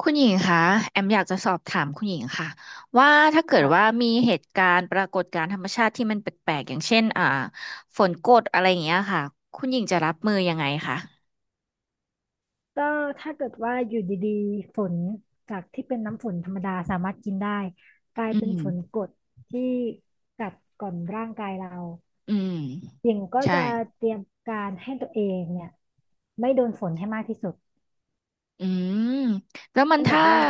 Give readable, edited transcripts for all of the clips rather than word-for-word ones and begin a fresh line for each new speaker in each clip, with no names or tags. คุณหญิงคะแอมอยากจะสอบถามคุณหญิงค่ะว่าถ้าเกิดว่า
ค่ะ
มีเหตุการณ์ปรากฏการณ์ธรรมชาติที่มันแปลกๆอย่างเช่นฝนกรดอะไรอย่างเงี้ยค่ะคุณหญิงจะรับมือยังไงคะ
ก็ถ้าเกิดว่าอยู่ดีๆฝนจากที่เป็นน้ำฝนธรรมดาสามารถกินได้กลาย
อื
เป็น
ม
ฝนกรดที่กัดกร่อนร่างกายเรา
อืม
หญิงก็
ใช่
จะเตรียมการให้ตัวเองเนี่ยไม่โดนฝนให้มากที่สุด
อืมแล้วมัน
อันดับ
ถ้า
แรก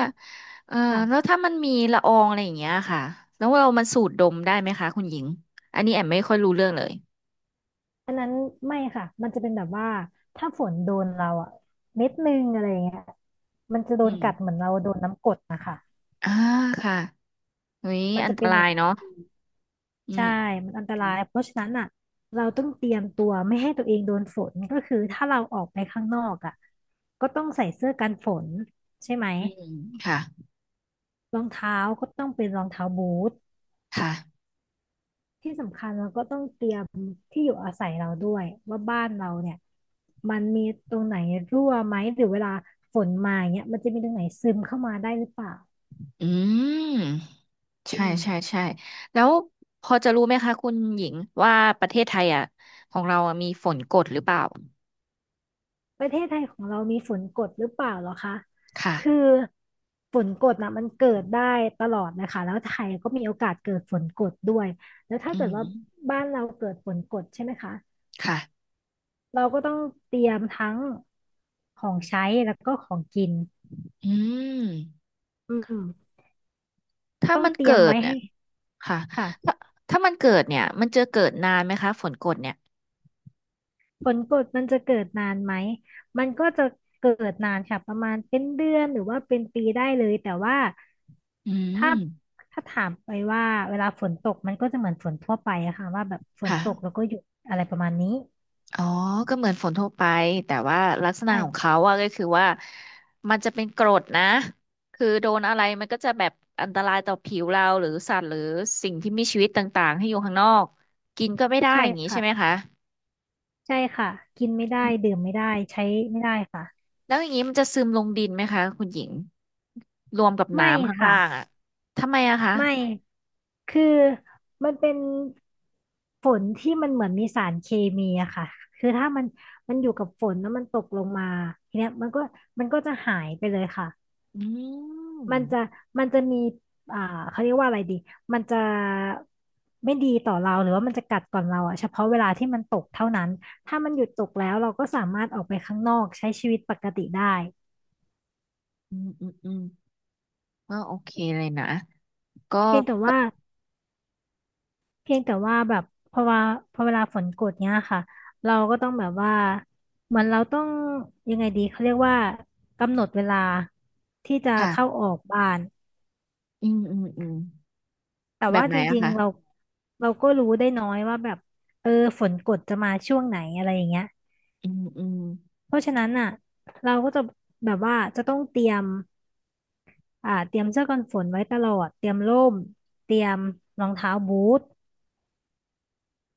เอ่อแล้ว
ค่ะ
ถ้ามันมีละอองอะไรอย่างเงี้ยค่ะแล้วเรามันสูดดมได้ไหมคะคุณหญิงอันนี้แอมไม่ค่อยรู้เรื่องเลย
อันนั้นไม่ค่ะมันจะเป็นแบบว่าถ้าฝนโดนเราอะเม็ดนึงอะไรอย่างเงี้ยมันจะโด
อื
น
ม
กัดเหมือนเราโดนน้ำกรดนะคะ
อ่าค่ะเฮ้ย
มัน
อัน
จะ
ต
เป็นอ
รา
ย่า
ย
งนั้น
เนาะอื
ใช่
ม
มันอันต
อื
รา
ม
ยเพราะฉะนั้นอ่ะเราต้องเตรียมตัวไม่ให้ตัวเองโดนฝนก็คือถ้าเราออกไปข้างนอกอ่ะก็ต้องใส่เสื้อกันฝนใช่ไหม
อืมค่ะ
รองเท้าก็ต้องเป็นรองเท้าบูท
ค่ะ
ที่สำคัญเราก็ต้องเตรียมที่อยู่อาศัยเราด้วยว่าบ้านเราเนี่ยมันมีตรงไหนรั่วไหมหรือเวลาฝนมาเนี่ยมันจะมีตรงไหนซึมเข้ามาได้หรือเปล่า
อืมใช่
อื
ใช่
ม
ใช่แล้วพอจะรู้ไหมคะคุณหญิงว่าประเทศไทยอ่ะของเราอะมีฝนกรดหรือเปล่า
ประเทศไทยของเรามีฝนกดหรือเปล่าเหรอคะ
ค่ะ
คือฝนกดนะมันเกิดได้ตลอดนะคะแล้วไทยก็มีโอกาสเกิดฝนกดด้วย แล้วถ้า
อื
เกิด
ม
ว่าบ้านเราเกิดฝนกดใช่ไหมคะ
ค่ะ
เราก็ต้องเตรียมทั้งของใช้แล้วก็ของกิน
อืม
อืม
ถ้ามันเกิดเนี่ยค่ะ
ค่ะ
ถ้าถ้ามันเกิดเนี่ยมันจะเกิดนานไหมคะฝนกรดเนี่ย
ผลกดมันจะเกิดนานไหมมันก็จะเกิดนานค่ะประมาณเป็นเดือนหรือว่าเป็นปีได้เลยแต่ว่า
อื
ถ้า
ม
ถ้าถามไปว่าเวลาฝนตกมันก็จะเหมือนฝนทั่วไปอะค่ะว่าแบบฝนตกแล้ว
ค่ะ
ก็หยุดอะไรประมาณนี้
อ๋อ ก็เหมือนฝนทั่วไป แต่ว่าลักษณะของ
ใช่
เขาอะก็คือว่ามันจะเป็นกรดนะ คือโดนอะไรมันก็จะแบบอันตรายต่อผิวเราหรือสัตว์หรือสิ่งที่มีชีวิตต่างๆให้อยู่ข้างนอกกินก็ไม่ได้
ใช่
อย่างนี้ใช่
ค่ะ
ไหมคะ
ใช่ค่ะกินไม่ได้
อืม
ดื่มไม่ได้ใช้ไม่ได้ค่ะ
แล้วอย่างนี้มันจะซึมลงดินไหมคะคุณหญิงรวมกับ
ไม่
น้ำข้าง
ค่ะ
ล่างอะทำไมอะคะ
ไม่ คือมันเป็นฝนที่มันเหมือนมีสารเคมีอะค่ะคือถ้ามันอยู่กับฝนแล้วมันตกลงมาทีเนี้ยมันก็จะหายไปเลยค่ะ
อื
มันจะ
ม
มันจะมีอ่าเขาเรียกว่าอะไรดีมันจะไม่ดีต่อเราหรือว่ามันจะกัดก่อนเราอะเฉพาะเวลาที่มันตกเท่านั้น ถ้ามันหยุดตกแล้วเราก็สามารถออกไปข้างนอกใช้ชีวิตปกติได้
อืมอืมอืมก็โอเคเลยนะก็
เพียงแต่
ก็
ว่า เพียงแต่ว่าแบบพอว่าพอเวลาฝนกดเนี้ยค่ะเราก็ต้องแบบว่าเหมือนเราต้องยังไงดีเขาเรียกว่ากำหนดเวลาที่จะเข้า
ค่ะ
ออกบ้าน
อืมอืมอืม
แต่
แบบ
ว่า
ไหน
จ
อะ
ริง
คะ
ๆเราก็รู้ได้น้อยว่าแบบเออฝนกดจะมาช่วงไหนอะไรอย่างเงี้ย
อืมอืม
เพราะฉะนั้นอ่ะเราก็จะแบบว่าจะต้องเตรียมเตรียมเสื้อกันฝนไว้ตลอดเตรียมร่มเตรียมรองเท้าบูท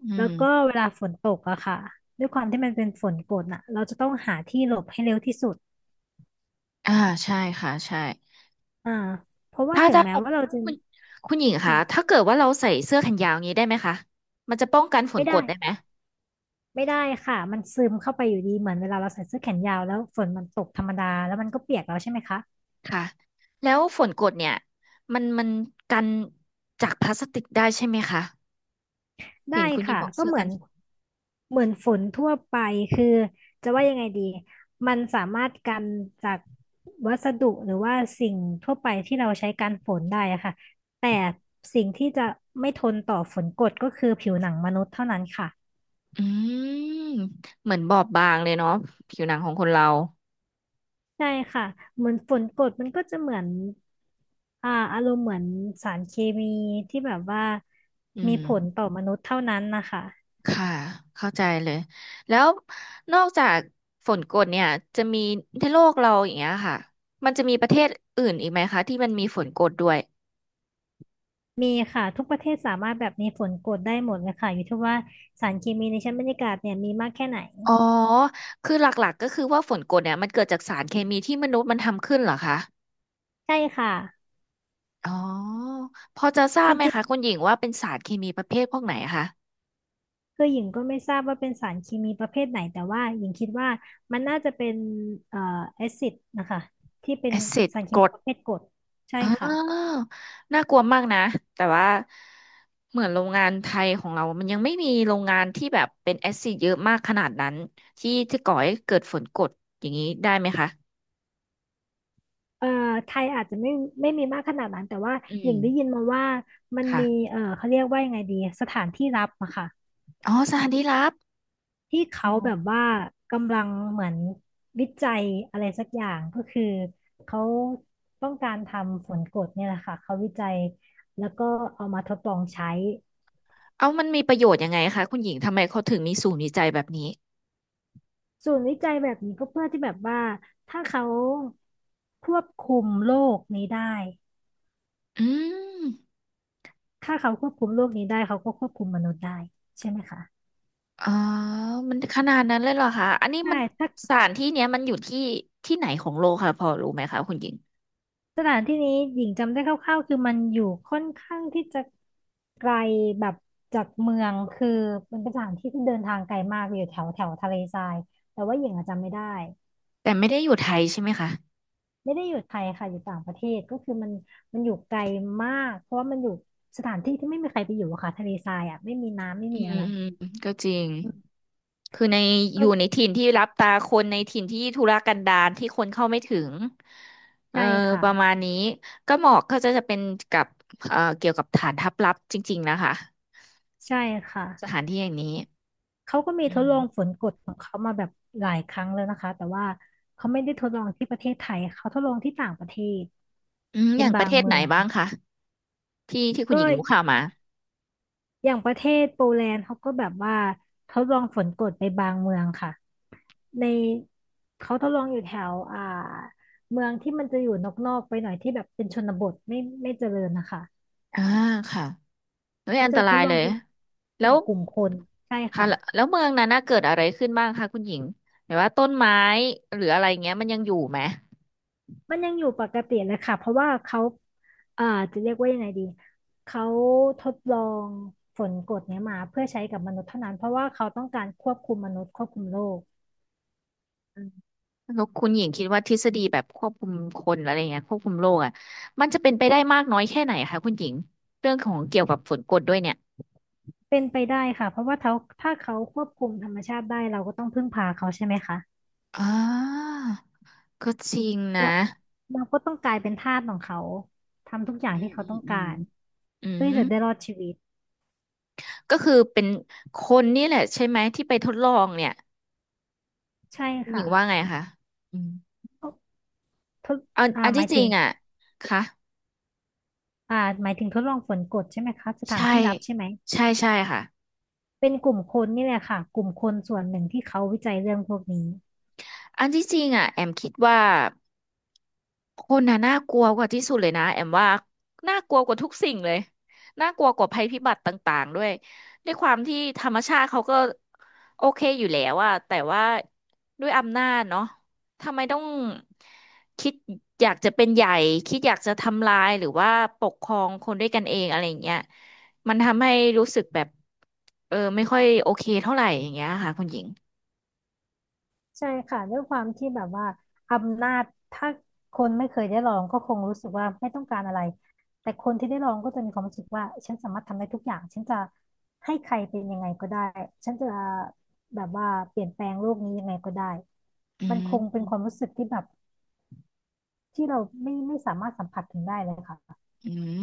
อื
แล้วก็
ม
เวลาฝนตกอะค่ะด้วยความที่มันเป็นฝนกรดน่ะเราจะต้องหาที่หลบให้เร็วที่สุด
อ่าใช่ค่ะใช่
อ่าเพราะว่า
ถ้า
ถึงแม้ว่าเราจะ
คุณคุณหญิงคะ
ค่ะ
ถ้าเกิดว่าเราใส่เสื้อแขนยาวอย่างนี้ได้ไหมคะมันจะป้องกันฝน
ไม่
กร
ได้
ดได้ไหม
ไม่ได้ค่ะมันซึมเข้าไปอยู่ดีเหมือนเวลาเราใส่เสื้อแขนยาวแล้วฝนมันตกธรรมดาแล้วมันก็เปียกแล้วใช่ไหมคะ
ค่ะแล้วฝนกรดเนี่ยมันกันจากพลาสติกได้ใช่ไหมคะเห็
ได้
นคุณหญิง
ค่ะ
บอก
ก็
เสื้อ
เหมื
กั
อ
น
น
ฝน
เหมือนฝนทั่วไปคือจะว่ายังไงดีมันสามารถกันจากวัสดุหรือว่าสิ่งทั่วไปที่เราใช้กันฝนได้อะค่ะแต่สิ่งที่จะไม่ทนต่อฝนกรดก็คือผิวหนังมนุษย์เท่านั้นค่ะ
อืมเหมือนบอบบางเลยเนาะผิวหนังของคนเรา
ใช่ค่ะเหมือนฝนกรดมันก็จะเหมือนอารมณ์เหมือนสารเคมีที่แบบว่า
อื
มี
ม
ผลต่อมนุษย์เท่านั้นนะคะ
ค่ะเข้าใจเลยแล้วนอกจากฝนกรดเนี่ยจะมีในโลกเราอย่างเงี้ยค่ะมันจะมีประเทศอื่นอีกไหมคะที่มันมีฝนกรดด้วย
มีค่ะทุกประเทศสามารถแบบมีฝนกรดได้หมดเลยค่ะอยู่ที่ว่าสารเคมีในชั้นบรรยากาศเนี่ยมีมากแค่ไหน
อ๋อ คือหลักๆก็คือว่าฝนกรดเนี่ยมันเกิดจากสารเคมีที่มนุษย์มันทำขึ้นเหรอคะ
ใช่ค่ะ
อ๋อ พอจะทรา
จ
บไหม
ริง
คะคุณหญิงว่าเป็นสารเคมีประเภทพวกไหนคะ
ๆคือหญิงก็ไม่ทราบว่าเป็นสารเคมีประเภทไหนแต่ว่าหญิงคิดว่ามันน่าจะเป็นเอ่อแอซิดนะคะที่เป็น
แอซิด
สารเค
กร
มี
ด
ประเภทกรดใช่
อ๋อ
ค่ะ
น่ากลัวมากนะ แต่ว่าเหมือนโรงงานไทยของเรา มันยังไม่มีโรงงานที่แบบเป็นแอซิดเยอะมากขนาดนั้นที่จะก่อให้เกิดฝนกรดอย่างนี้ได้ไหมคะ
เอ่อไทยอาจจะไม่มีมากขนาดนั้นแต่ว่า
อื
หญิง
ม
ได้ยินมาว่ามันมี
ค่ะ
เอ่อเขาเรียกว่ายังไงดีสถานที่รับอะค่ะ
อ๋อสารดีลับ
ที่
อ๋อ
เขาแบบว่ากำลังเหมือนวิจัยอะไรสักอย่างก็คือเขาต้องการทำฝนกรดเนี่ยแหละค่ะเขาวิจัยแล้วก็เอามาทดลองใช้
เอามันมีประโยชน์ยังไงคะคุณหญิงทำไมเขาถึงมีศูนย์วิจัยแบบนี้
ศูนย์วิจัยแบบนี้ก็เพื่อที่แบบว่าถ้าเขาควบคุมโลกนี้ได้
อืม
ถ้าเขาควบคุมโลกนี้ได้เขาก็ควบคุมมนุษย์ได้ใช่ไหมคะ
อ๋อมันขนาดนั้นเลยเหรอคะอันนี้
ใช่
มัน
ถ้า
สถานที่เนี้ยมันอยู่ที่ที่ไหนของโลกค่ะพอรู้ไหมคะคุณหญิง
สถานที่นี้หญิงจำได้คร่าวๆคือมันอยู่ค่อนข้างที่จะไกลแบบจากเมืองคือมันเป็นสถานที่ที่เดินทางไกลมากอยู่แถวแถวทะเลทรายแต่ว่าหญิงอะจำไม่ได้
แต่ไม่ได้อยู่ไทยใช่ไหมคะ
ไม่ได้อยู่ไทยค่ะอยู่ต่างประเทศก็คือมันอยู่ไกลมากเพราะว่ามันอยู่สถานที่ที่ไม่มีใครไปอยู่อะค่ะทะเลทรายอ่ะไม่มีน้ำไม่
อื
มี
ม
อะไร
อืมก็จริง
อืม
คือในอ
ก็
ยู่ในถิ่นที่รับตาคนในถิ่นที่ธุรกันดารที่คนเข้าไม่ถึงเออ
ใช่ค่ะ
ประมาณนี้ก็เหมาะก็จะจะเป็นกับเกี่ยวกับฐานทัพลับจริงๆนะคะ
ใช่ค่ะ
สถานที่อย่างนี้
เขาก็มี
อื
ทดลองฝ
ม
นกรดของเขามาแบบหลายครั้งแล้วนะคะแต่ว่าเขาไม่ได้ทดลองที่ประเทศไทยเขาทดลองที่ต่างประเทศ
อืมอ
เป็น
ย่างป
บา
ระ
ง
เทศ
เมื
ไหน
อง
บ้างคะที่ที่คุณห
ก็
ญิงรู้ข่าวมา
อย่างประเทศโปแลนด์เขาก็แบบว่าทดลองฝนกรดไปบางเมืองค่ะในเขาทดลองอยู่แถวเมืองที่มันจะอยู่นอกๆไปหน่อยที่แบบเป็นชนบทไม่เจริญนะคะ
อ่าค่ะ เฮ้ย
เขา
อัน
จะ
ต
ท
รา
ด
ย
ลอ
เล
ง
ย
เป็นก
แล้
ลุ่ม
ว
กลุ่มคนใช่
ค่ะ
ค่ะ
แล้วเมืองนั้นน่ะเกิดอะไรขึ้นบ้างคะคุณหญิงหมายว่าต้นไม้หรืออะไรเงี้ยมันยังอยู่ไหม
มันยังอยู่ปกติเลยค่ะเพราะว่าเขาอ่าจะเรียกว่ายังไงดีเขาทดลองฝนกรดเนี้ยมาเพื่อใช้กับมนุษย์เท่านั้นเพราะว่าเขาต้องการควบคุมมนุษย์ควบคุมโลก
อืมแล้วคุณหญิงคิดว่าทฤษฎีแบบควบคุมคนอะไรเงี้ยควบคุมโลกอ่ะมันจะเป็นไปได้มากน้อยแค่ไหนคะคุณหญิงเรื่องของเกี่ยวกับฝนกรดด้วยเนี่ย
เป็นไปได้ค่ะเพราะว่าเขาถ้าเขาควบคุมธรรมชาติได้เราก็ต้องพึ่งพาเขาใช่ไหมคะ
อ่าก็จริง
แล้
นะ
วเราก็ต้องกลายเป็นทาสของเขาทำทุกอย่า
อื
งที่
ม
เขา
อืม
ต้อง
อื
กา
ม
ร
อื
เพื่อที่จะ
ม
ได้รอดชีวิต
ก็คือเป็นคนนี่แหละใช่ไหมที่ไปทดลองเนี่ย
ใช่
คุณหญิ
ค่ะ
งว่าไงคะอืม
ก็ทด
อันอัน
หมา
ที่
ย
จริ
ถึง
งอ่ะค่ะ
หมายถึงทดลองฝนกรดใช่ไหมคะสถาน
ใช่
ที่รับใช่ไหม
ใช่ใช่ค่ะ
เป็นกลุ่มคนนี่แหละค่ะกลุ่มคนส่วนหนึ่งที่เขาวิจัยเรื่องพวกนี้
อันที่จริงอ่ะแอมคิดว่าคนน่ะน่ากลัวกว่าที่สุดเลยนะแอมว่าน่ากลัวกว่าทุกสิ่งเลยน่ากลัวกว่าภัยพิบัติต่างๆด้วยด้วยความที่ธรรมชาติเขาก็โอเคอยู่แล้วอะแต่ว่าด้วยอำนาจเนาะทำไมต้องคิดอยากจะเป็นใหญ่คิดอยากจะทำลายหรือว่าปกครองคนด้วยกันเองอะไรอย่างเงี้ยมันทำให้รู้สึกแบบเออไม่ค่อยโอเคเท่าไหร่อย่างเงี้ยค่ะคุณหญิง
ใช่ค่ะด้วยความที่แบบว่าอำนาจถ้าคนไม่เคยได้ลองก็คงรู้สึกว่าไม่ต้องการอะไรแต่คนที่ได้ลองก็จะมีความรู้สึกว่าฉันสามารถทำได้ทุกอย่างฉันจะให้ใครเป็นยังไงก็ได้ฉันจะแบบว่าเปลี่ยนแปลงโลกนี้ยังไงก็ได้
อื
มันคงเป็น
ม
ความรู้สึกที่แบบที่เราไม่สามารถสัมผัสถึงได้เลยค่ะ
อืม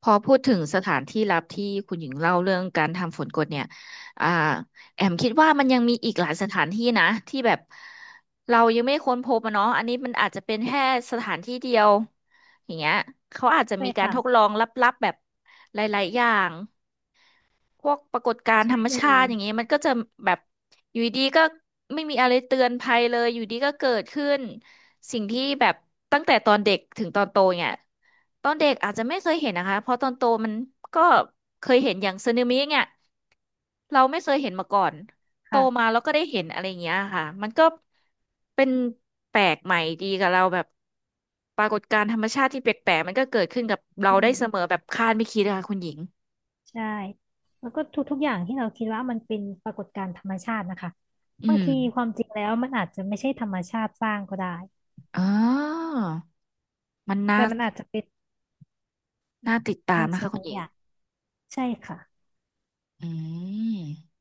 พอพูดถึงสถานที่ลับที่คุณหญิงเล่าเรื่องการทำฝนกดเนี่ยอ่าแอมคิดว่ามันยังมีอีกหลายสถานที่นะที่แบบเรายังไม่ค้นพบอะเนาะอันนี้มันอาจจะเป็นแค่สถานที่เดียวอย่างเงี้ยเขาอาจจะ
ใช่
มีการ
ค่ะ
ทดลองลับๆแบบหลายๆอย่าง พวกปรากฏการณ์
ได
ธรรม
้
ชา
เล
ติ
ย
อย่างนี้มันก็จะแบบอยู่ดีๆก็ไม่มีอะไรเตือนภัยเลยอยู่ดีก็เกิดขึ้นสิ่งที่แบบตั้งแต่ตอนเด็กถึงตอนโตเนี่ยตอนเด็กอาจจะไม่เคยเห็นนะคะเพราะตอนโตมันก็เคยเห็นอย่างสึนามิเนี่ยเราไม่เคยเห็นมาก่อนโต
ค่ะ
มาแล้วก็ได้เห็นอะไรอย่างเงี้ยค่ะมันก็เป็นแปลกใหม่ดีกับเราแบบปรากฏการณ์ธรรมชาติที่แปลกๆมันก็เกิดขึ้นกับเรา
อื
ได้
ม
เสมอแบบคาดไม่คิดนะคะคุณหญิง
ใช่แล้วก็ทุกๆอย่างที่เราคิดว่ามันเป็นปรากฏการณ์ธรรมชาตินะคะ
อื
บาง
ม
ทีความจริงแล้วมันอาจจะไม่ใช่ธรรมชาติสร้างก็ได้
อ๋อมันน่า
แต่มันอาจจะเป็น
น่าติดตาม
บาง
นะ
สิ่
คะ
ง
คุณ
บาง
หญิ
อ
ง
ย่างใช่ค่ะ
อืม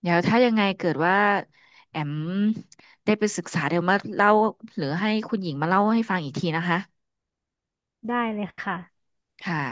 เดี๋ยวถ้ายังไงเกิดว่าแอมได้ไปศึกษาเดี๋ยวมาเล่าหรือให้คุณหญิงมาเล่าให้ฟังอีกทีนะคะ
ได้เลยค่ะ
ค่ะ